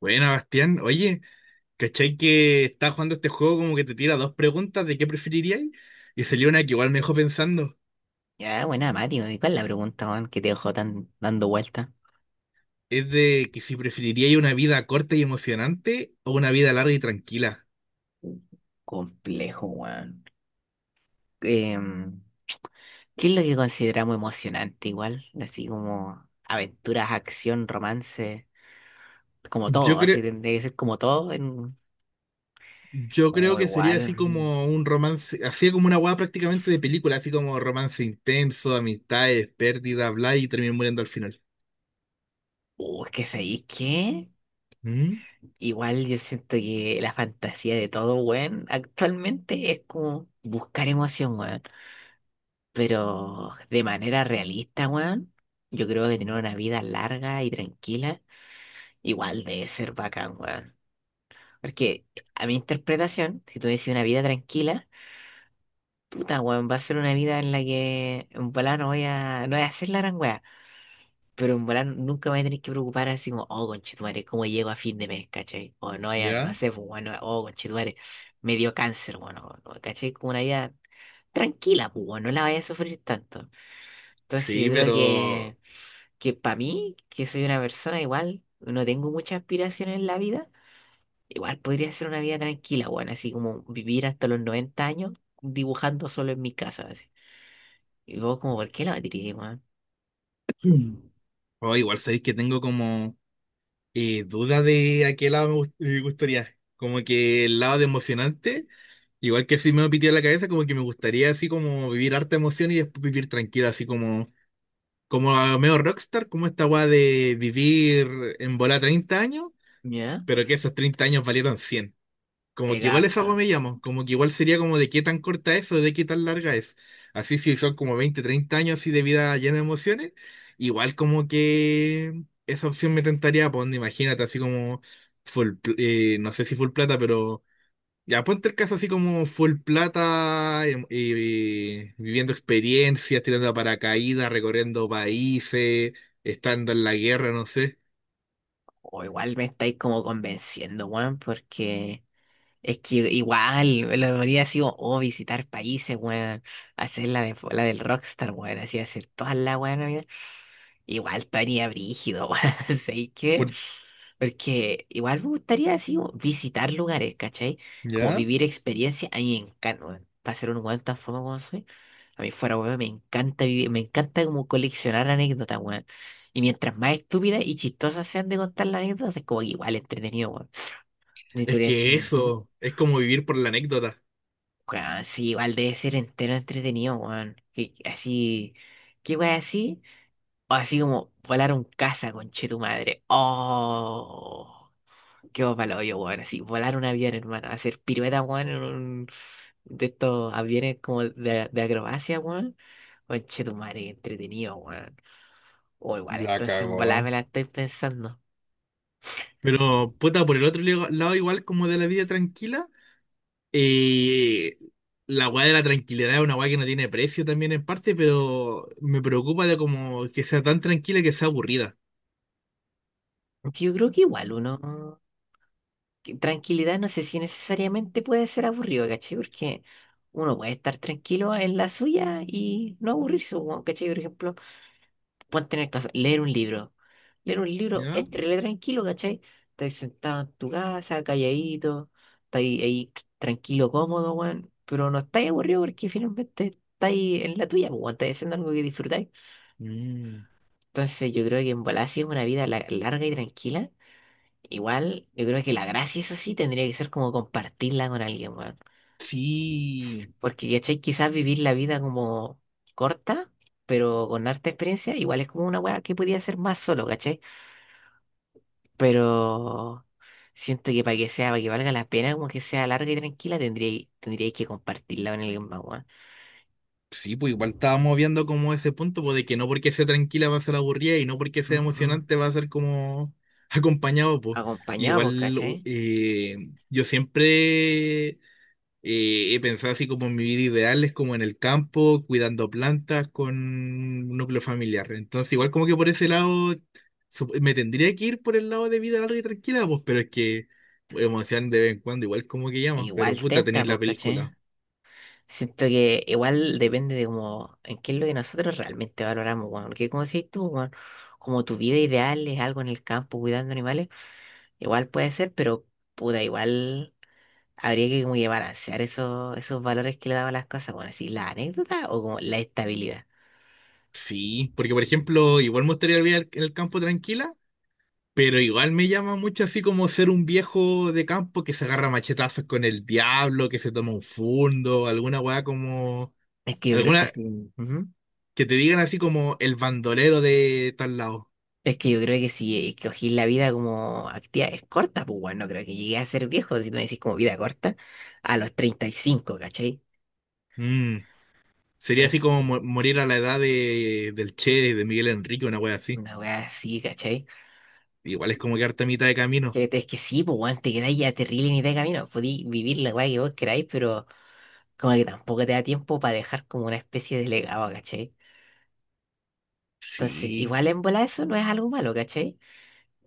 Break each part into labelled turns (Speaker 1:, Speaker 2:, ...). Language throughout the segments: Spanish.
Speaker 1: Bueno, Bastián, oye, ¿cachai que estaba jugando este juego como que te tira dos preguntas de qué preferiríais? Y salió una que igual me dejó pensando.
Speaker 2: Ya, buena, Mati, weón. ¿Cuál es la pregunta, weón, que te dejó tan dando vuelta?
Speaker 1: Es de que si preferiríais una vida corta y emocionante o una vida larga y tranquila.
Speaker 2: Complejo, weón. Em, ¿Qué es lo que consideramos emocionante igual? Así como aventuras, acción, romance, como
Speaker 1: Yo
Speaker 2: todo,
Speaker 1: creo,
Speaker 2: así tendría que ser como todo en...
Speaker 1: yo creo
Speaker 2: O
Speaker 1: que sería
Speaker 2: igual,
Speaker 1: así como un romance, así como una hueá prácticamente de película, así como romance intenso, amistades, pérdidas, bla, y terminan muriendo al final.
Speaker 2: o es que sabéis qué,
Speaker 1: ¿Mm?
Speaker 2: igual yo siento que la fantasía de todo, weón, actualmente es como buscar emoción, weón, pero de manera realista, weón. Yo creo que tener
Speaker 1: ¿Ya?
Speaker 2: una vida larga y tranquila igual debe ser bacán, weón. Porque a mi interpretación, si tú decís una vida tranquila, puta, weón, va a ser una vida en la que en volá no voy a hacer la gran weá. Pero en volá nunca me voy a tener que preocupar así como, oh, conchetumare, ¿cómo llego a fin de mes, cachai? O no, ya, no
Speaker 1: ¿Ya?
Speaker 2: sé, pues, bueno, oh, conchetumare, me dio cáncer, bueno, no, cachai, como una vida tranquila, pues, weón, no la vaya a sufrir tanto. Entonces yo
Speaker 1: Sí,
Speaker 2: creo
Speaker 1: pero...
Speaker 2: que, que para mí, que soy una persona igual, no tengo muchas aspiraciones en la vida. Igual podría ser una vida tranquila, weón, así como vivir hasta los 90 años dibujando solo en mi casa, así. Y vos como, ¿por qué la batería, weón?
Speaker 1: Mm. Oh, igual sabéis que tengo como... duda de a qué lado me gustaría. Como que el lado de emocionante, igual que si me pitió la cabeza, como que me gustaría así como vivir harta emoción y después vivir tranquilo, así como, como a medio rockstar, como esta weá de vivir en bola 30 años,
Speaker 2: ¿Ya?
Speaker 1: pero que esos 30 años valieron 100,
Speaker 2: Te
Speaker 1: como que igual esa
Speaker 2: capta.
Speaker 1: agua me llamo, como que igual sería como de qué tan corta es o de qué tan larga es. Así si son como 20 30 años así de vida llena de emociones, igual como que esa opción me tentaría, pues imagínate, así como full, no sé si full plata, pero ya ponte el caso así como full plata, viviendo experiencias, tirando a paracaídas, recorriendo países, estando en la guerra, no sé.
Speaker 2: O igual me estáis como convenciendo, weón, porque es que igual, lo debería así, como, oh, visitar países, weón. Hacer la del rockstar, weón. Así, hacer todas las weón, amiga. Igual estaría brígido, weón. ¿Sabes qué?
Speaker 1: Por-
Speaker 2: Porque igual me gustaría así, como, visitar lugares, ¿cachai? Como
Speaker 1: ¿Ya?
Speaker 2: vivir experiencias. A mí me encanta, weón. Para ser un weón tan famoso como soy. A mí fuera, weón, me encanta vivir, me encanta como coleccionar anécdotas, weón. Y mientras más estúpidas y chistosas sean de contar las anécdotas, es como que igual entretenido, weón. Y tú
Speaker 1: Es
Speaker 2: dirías
Speaker 1: que
Speaker 2: así, ¿mm?
Speaker 1: eso es como vivir por la anécdota.
Speaker 2: Weón, sí, igual debe ser entero entretenido, weón. Así, ¿qué weón así? O así como volar un caza, conche tu madre. Oh, qué palo yo, weón. Así, volar un avión, hermano. Hacer pirueta, weón, en un de estos aviones como de acrobacia, weón. Conche tu madre, qué entretenido, weón. O igual,
Speaker 1: La
Speaker 2: entonces en volada me
Speaker 1: cagó.
Speaker 2: la estoy pensando.
Speaker 1: Pero, puta, por el otro lado, igual como de la vida tranquila, eh, la weá de la tranquilidad es una weá que no tiene precio también en parte, pero me preocupa de como que sea tan tranquila que sea aburrida.
Speaker 2: Aunque yo creo que igual uno, que tranquilidad no sé si necesariamente puede ser aburrido, ¿cachai? Porque uno puede estar tranquilo en la suya y no aburrirse, weón, ¿cachai? Por ejemplo, pueden tener casa, leer un libro. Leer un libro
Speaker 1: ¿Ya?
Speaker 2: es re tranquilo, ¿cachai? Estás sentado en tu casa, calladito, estás ahí tranquilo, cómodo, weón, pero no estás aburrido porque finalmente estás ahí en la tuya, weón, estás haciendo algo que disfrutáis.
Speaker 1: Mm.
Speaker 2: Entonces yo creo que en bola, si es una vida larga y tranquila. Igual, yo creo que la gracia es así, tendría que ser como compartirla con alguien, weón.
Speaker 1: Sí.
Speaker 2: Porque, ¿cachai? Quizás vivir la vida como corta, pero con harta experiencia, igual es como una weá que podía ser más solo, ¿cachai? Pero siento que para que valga la pena, como que sea larga y tranquila, tendría que compartirla con alguien más, weón.
Speaker 1: Sí, pues igual estábamos viendo como ese punto, pues de que no porque sea tranquila va a ser aburrida y no porque sea
Speaker 2: Mm, mm.
Speaker 1: emocionante va a ser como acompañado, pues.
Speaker 2: Acompañado, pues,
Speaker 1: Igual
Speaker 2: ¿cachai?
Speaker 1: eh, yo siempre he pensado así como en mi vida ideal, es como en el campo, cuidando plantas con un núcleo familiar. Entonces, igual como que por ese lado, me tendría que ir por el lado de vida larga y tranquila, pues, pero es que emoción de vez en cuando, igual como que llama, pero
Speaker 2: Igual
Speaker 1: puta,
Speaker 2: tenta,
Speaker 1: tenéis la
Speaker 2: pues, ¿cachai?
Speaker 1: película.
Speaker 2: Siento que igual depende de como en qué es lo que nosotros realmente valoramos, weón. Porque como decís tú, weón, como tu vida ideal es algo en el campo cuidando animales, igual puede ser, pero puta, igual habría que como que balancear esos valores que le daban las cosas, bueno, así la anécdota o como la estabilidad.
Speaker 1: Sí, porque por ejemplo, igual me gustaría vivir en el campo tranquila, pero igual me llama mucho así como ser un viejo de campo que se agarra machetazos con el diablo, que se toma un fundo, alguna weá como...
Speaker 2: Es que yo creo que
Speaker 1: Alguna,
Speaker 2: sí. Ujú.
Speaker 1: que te digan así como el bandolero de tal lado.
Speaker 2: Es que yo creo que si escogís la vida como actividades cortas, pues bueno, no creo que llegué a ser viejo, si no decís como vida corta, a los 35 ¿cachai?
Speaker 1: Mm, sería así
Speaker 2: Entonces,
Speaker 1: como morir a la edad de, del Che, de Miguel Enrique, una wea así.
Speaker 2: una weá así, ¿cachai?
Speaker 1: Igual es como quedarte a mitad de camino.
Speaker 2: Que, es que sí, pues, weón, te quedáis a terrible ni de camino. Podí vivir la weá que vos queráis, pero como que tampoco te da tiempo para dejar como una especie de legado, ¿cachai? Entonces,
Speaker 1: Sí.
Speaker 2: igual en bola eso no es algo malo, ¿cachai?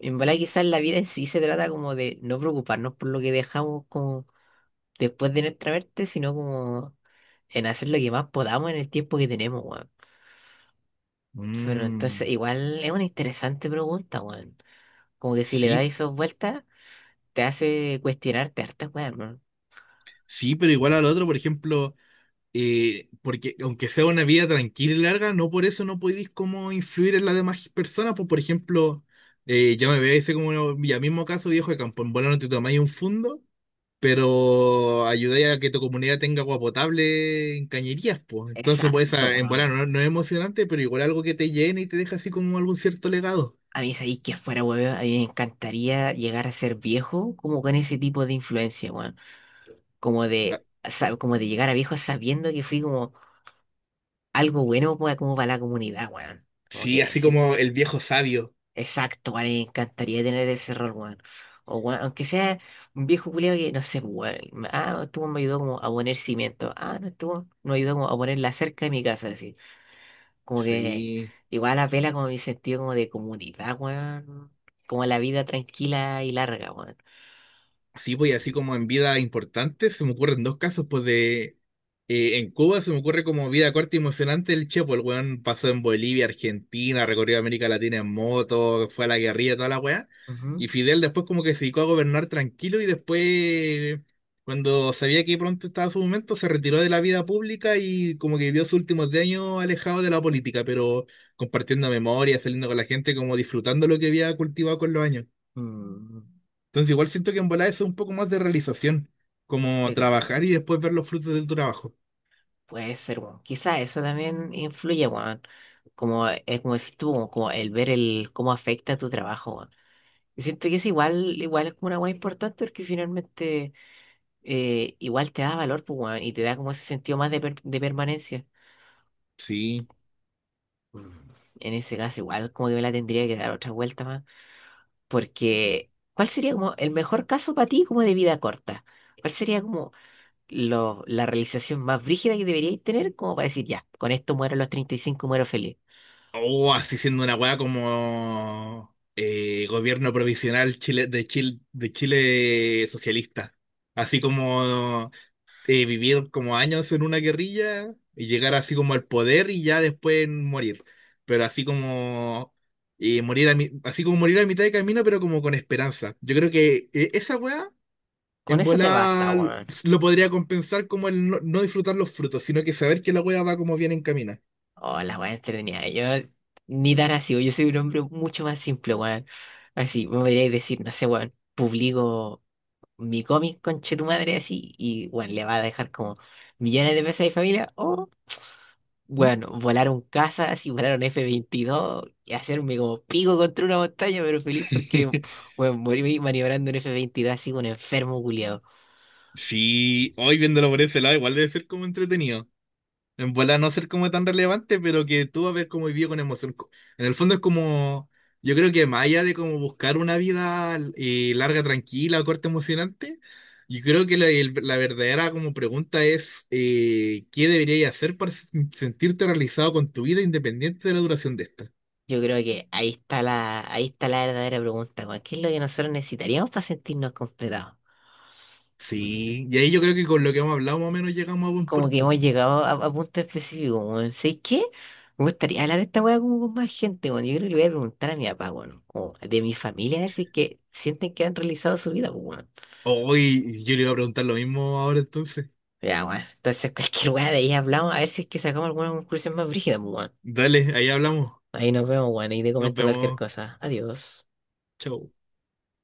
Speaker 2: En bola quizás la vida en sí se trata como de no preocuparnos por lo que dejamos como después de nuestra muerte, sino como en hacer lo que más podamos en el tiempo que tenemos, weón. Pero entonces,
Speaker 1: Mm,
Speaker 2: igual es una interesante pregunta, weón. Como que si le das
Speaker 1: sí,
Speaker 2: esas vueltas, te hace cuestionarte hartas, weón.
Speaker 1: sí, pero igual al otro, por ejemplo, porque aunque sea una vida tranquila y larga, no por eso no podéis como influir en las demás personas. Pues, por ejemplo, yo me veo ese como ya mismo caso, viejo de campo. En bola no te tomáis un fundo, pero ayudáis a que tu comunidad tenga agua potable en cañerías, pues. Entonces, pues,
Speaker 2: Exacto.
Speaker 1: esa- en volar no, no es emocionante, pero igual algo que te llene y te deja así como algún cierto legado.
Speaker 2: A mí, sabéis que fuera, weón, a mí me encantaría llegar a ser viejo como con ese tipo de influencia, weón. Como
Speaker 1: Ah,
Speaker 2: como de llegar a viejo sabiendo que fui como algo bueno como para la comunidad, weón. Como
Speaker 1: sí,
Speaker 2: que,
Speaker 1: así
Speaker 2: sí,
Speaker 1: como el viejo sabio.
Speaker 2: exacto, weón, me encantaría tener ese rol, weón. O, weón, aunque sea un viejo culiao que, no sé, weón, ah, estuvo, me ayudó como a poner cimiento. Ah, no estuvo, me ayudó como a poner la cerca de mi casa, así. Como que
Speaker 1: Sí.
Speaker 2: igual apela como a mi sentido como de comunidad, weón. Como la vida tranquila y larga, weón.
Speaker 1: Sí, pues y así como en vida importante, se me ocurren dos casos, pues de... en Cuba se me ocurre como vida corta y emocionante el Chepo, el weón pasó en Bolivia, Argentina, recorrió América Latina en moto, fue a la guerrilla, toda la weá.
Speaker 2: Ujú.
Speaker 1: Y Fidel después como que se dedicó a gobernar tranquilo y después, cuando sabía que pronto estaba su momento, se retiró de la vida pública y como que vivió sus últimos 10 años alejado de la política, pero compartiendo memoria, saliendo con la gente, como disfrutando lo que había cultivado con los años.
Speaker 2: Mm.
Speaker 1: Entonces igual siento que en volar eso es un poco más de realización, como
Speaker 2: Venga,
Speaker 1: trabajar y después ver los frutos de tu trabajo.
Speaker 2: puede ser, weón. Quizá eso también influye, weón. Como es como decís tú, como, como el ver el cómo afecta tu trabajo, weón. Y siento que es igual es como una weá importante porque finalmente igual te da valor, pues, weón, y te da como ese sentido más de permanencia.
Speaker 1: Sí.
Speaker 2: Mm. En ese caso, igual como que me la tendría que dar otra vuelta más. Porque, ¿cuál sería como el mejor caso para ti como de vida corta? ¿Cuál sería como la realización más brígida que deberíais tener como para decir, ya, con esto muero a los 35 muero feliz?
Speaker 1: O así siendo una weá como gobierno provisional Chile, de Chile, de Chile socialista. Así como vivir como años en una guerrilla y llegar así como al poder y ya después morir. Pero así como así como morir a mitad de camino, pero como con esperanza. Yo creo que esa weá
Speaker 2: Con
Speaker 1: en
Speaker 2: eso te basta,
Speaker 1: volar
Speaker 2: weón.
Speaker 1: lo podría compensar como el no, no disfrutar los frutos, sino que saber que la hueá va como bien encamina.
Speaker 2: Oh, la weá entretenida. Yo ni tan así, weón. Yo soy un hombre mucho más simple, weón. Así, me podríais decir, no sé, weón, publico mi cómic, conche tu madre, así, y, weón, le va a dejar como millones de pesos a mi familia.
Speaker 1: ¿Mm?
Speaker 2: Bueno, volaron casas y volaron F-22 y hacerme como pico contra una montaña, pero feliz porque, bueno, morí maniobrando un F-22 así como un enfermo culiado.
Speaker 1: Sí, hoy viéndolo por ese lado, igual debe ser como entretenido. En volar no ser como tan relevante, pero que tú vas a ver cómo vivió con emoción. En el fondo es como, yo creo que más allá de como buscar una vida larga, tranquila, o corta, emocionante, yo creo que la verdadera como pregunta es, ¿qué deberías hacer para sentirte realizado con tu vida independiente de la duración de esta?
Speaker 2: Yo creo que ahí está la verdadera pregunta, weón. ¿Qué es lo que nosotros necesitaríamos para sentirnos completados?
Speaker 1: Sí, y ahí yo creo que con lo que hemos hablado más o menos llegamos a buen
Speaker 2: Como que
Speaker 1: puerto.
Speaker 2: hemos llegado a punto específico, weón. ¿Sabes qué? Me gustaría hablar de esta weá como con más gente, weón. Yo creo que le voy a preguntar a mi papá, weón, como de mi familia, a ver si es que sienten que han realizado su vida, pues, weón.
Speaker 1: Hoy yo le iba a preguntar lo mismo ahora entonces.
Speaker 2: Ya, weón. Entonces, cualquier weá de ahí hablamos, a ver si es que sacamos alguna conclusión más brígida, pues, weón.
Speaker 1: Dale, ahí hablamos.
Speaker 2: Ahí nos vemos, weón, y te
Speaker 1: Nos
Speaker 2: comento cualquier
Speaker 1: vemos.
Speaker 2: cosa. Adiós.
Speaker 1: Chau.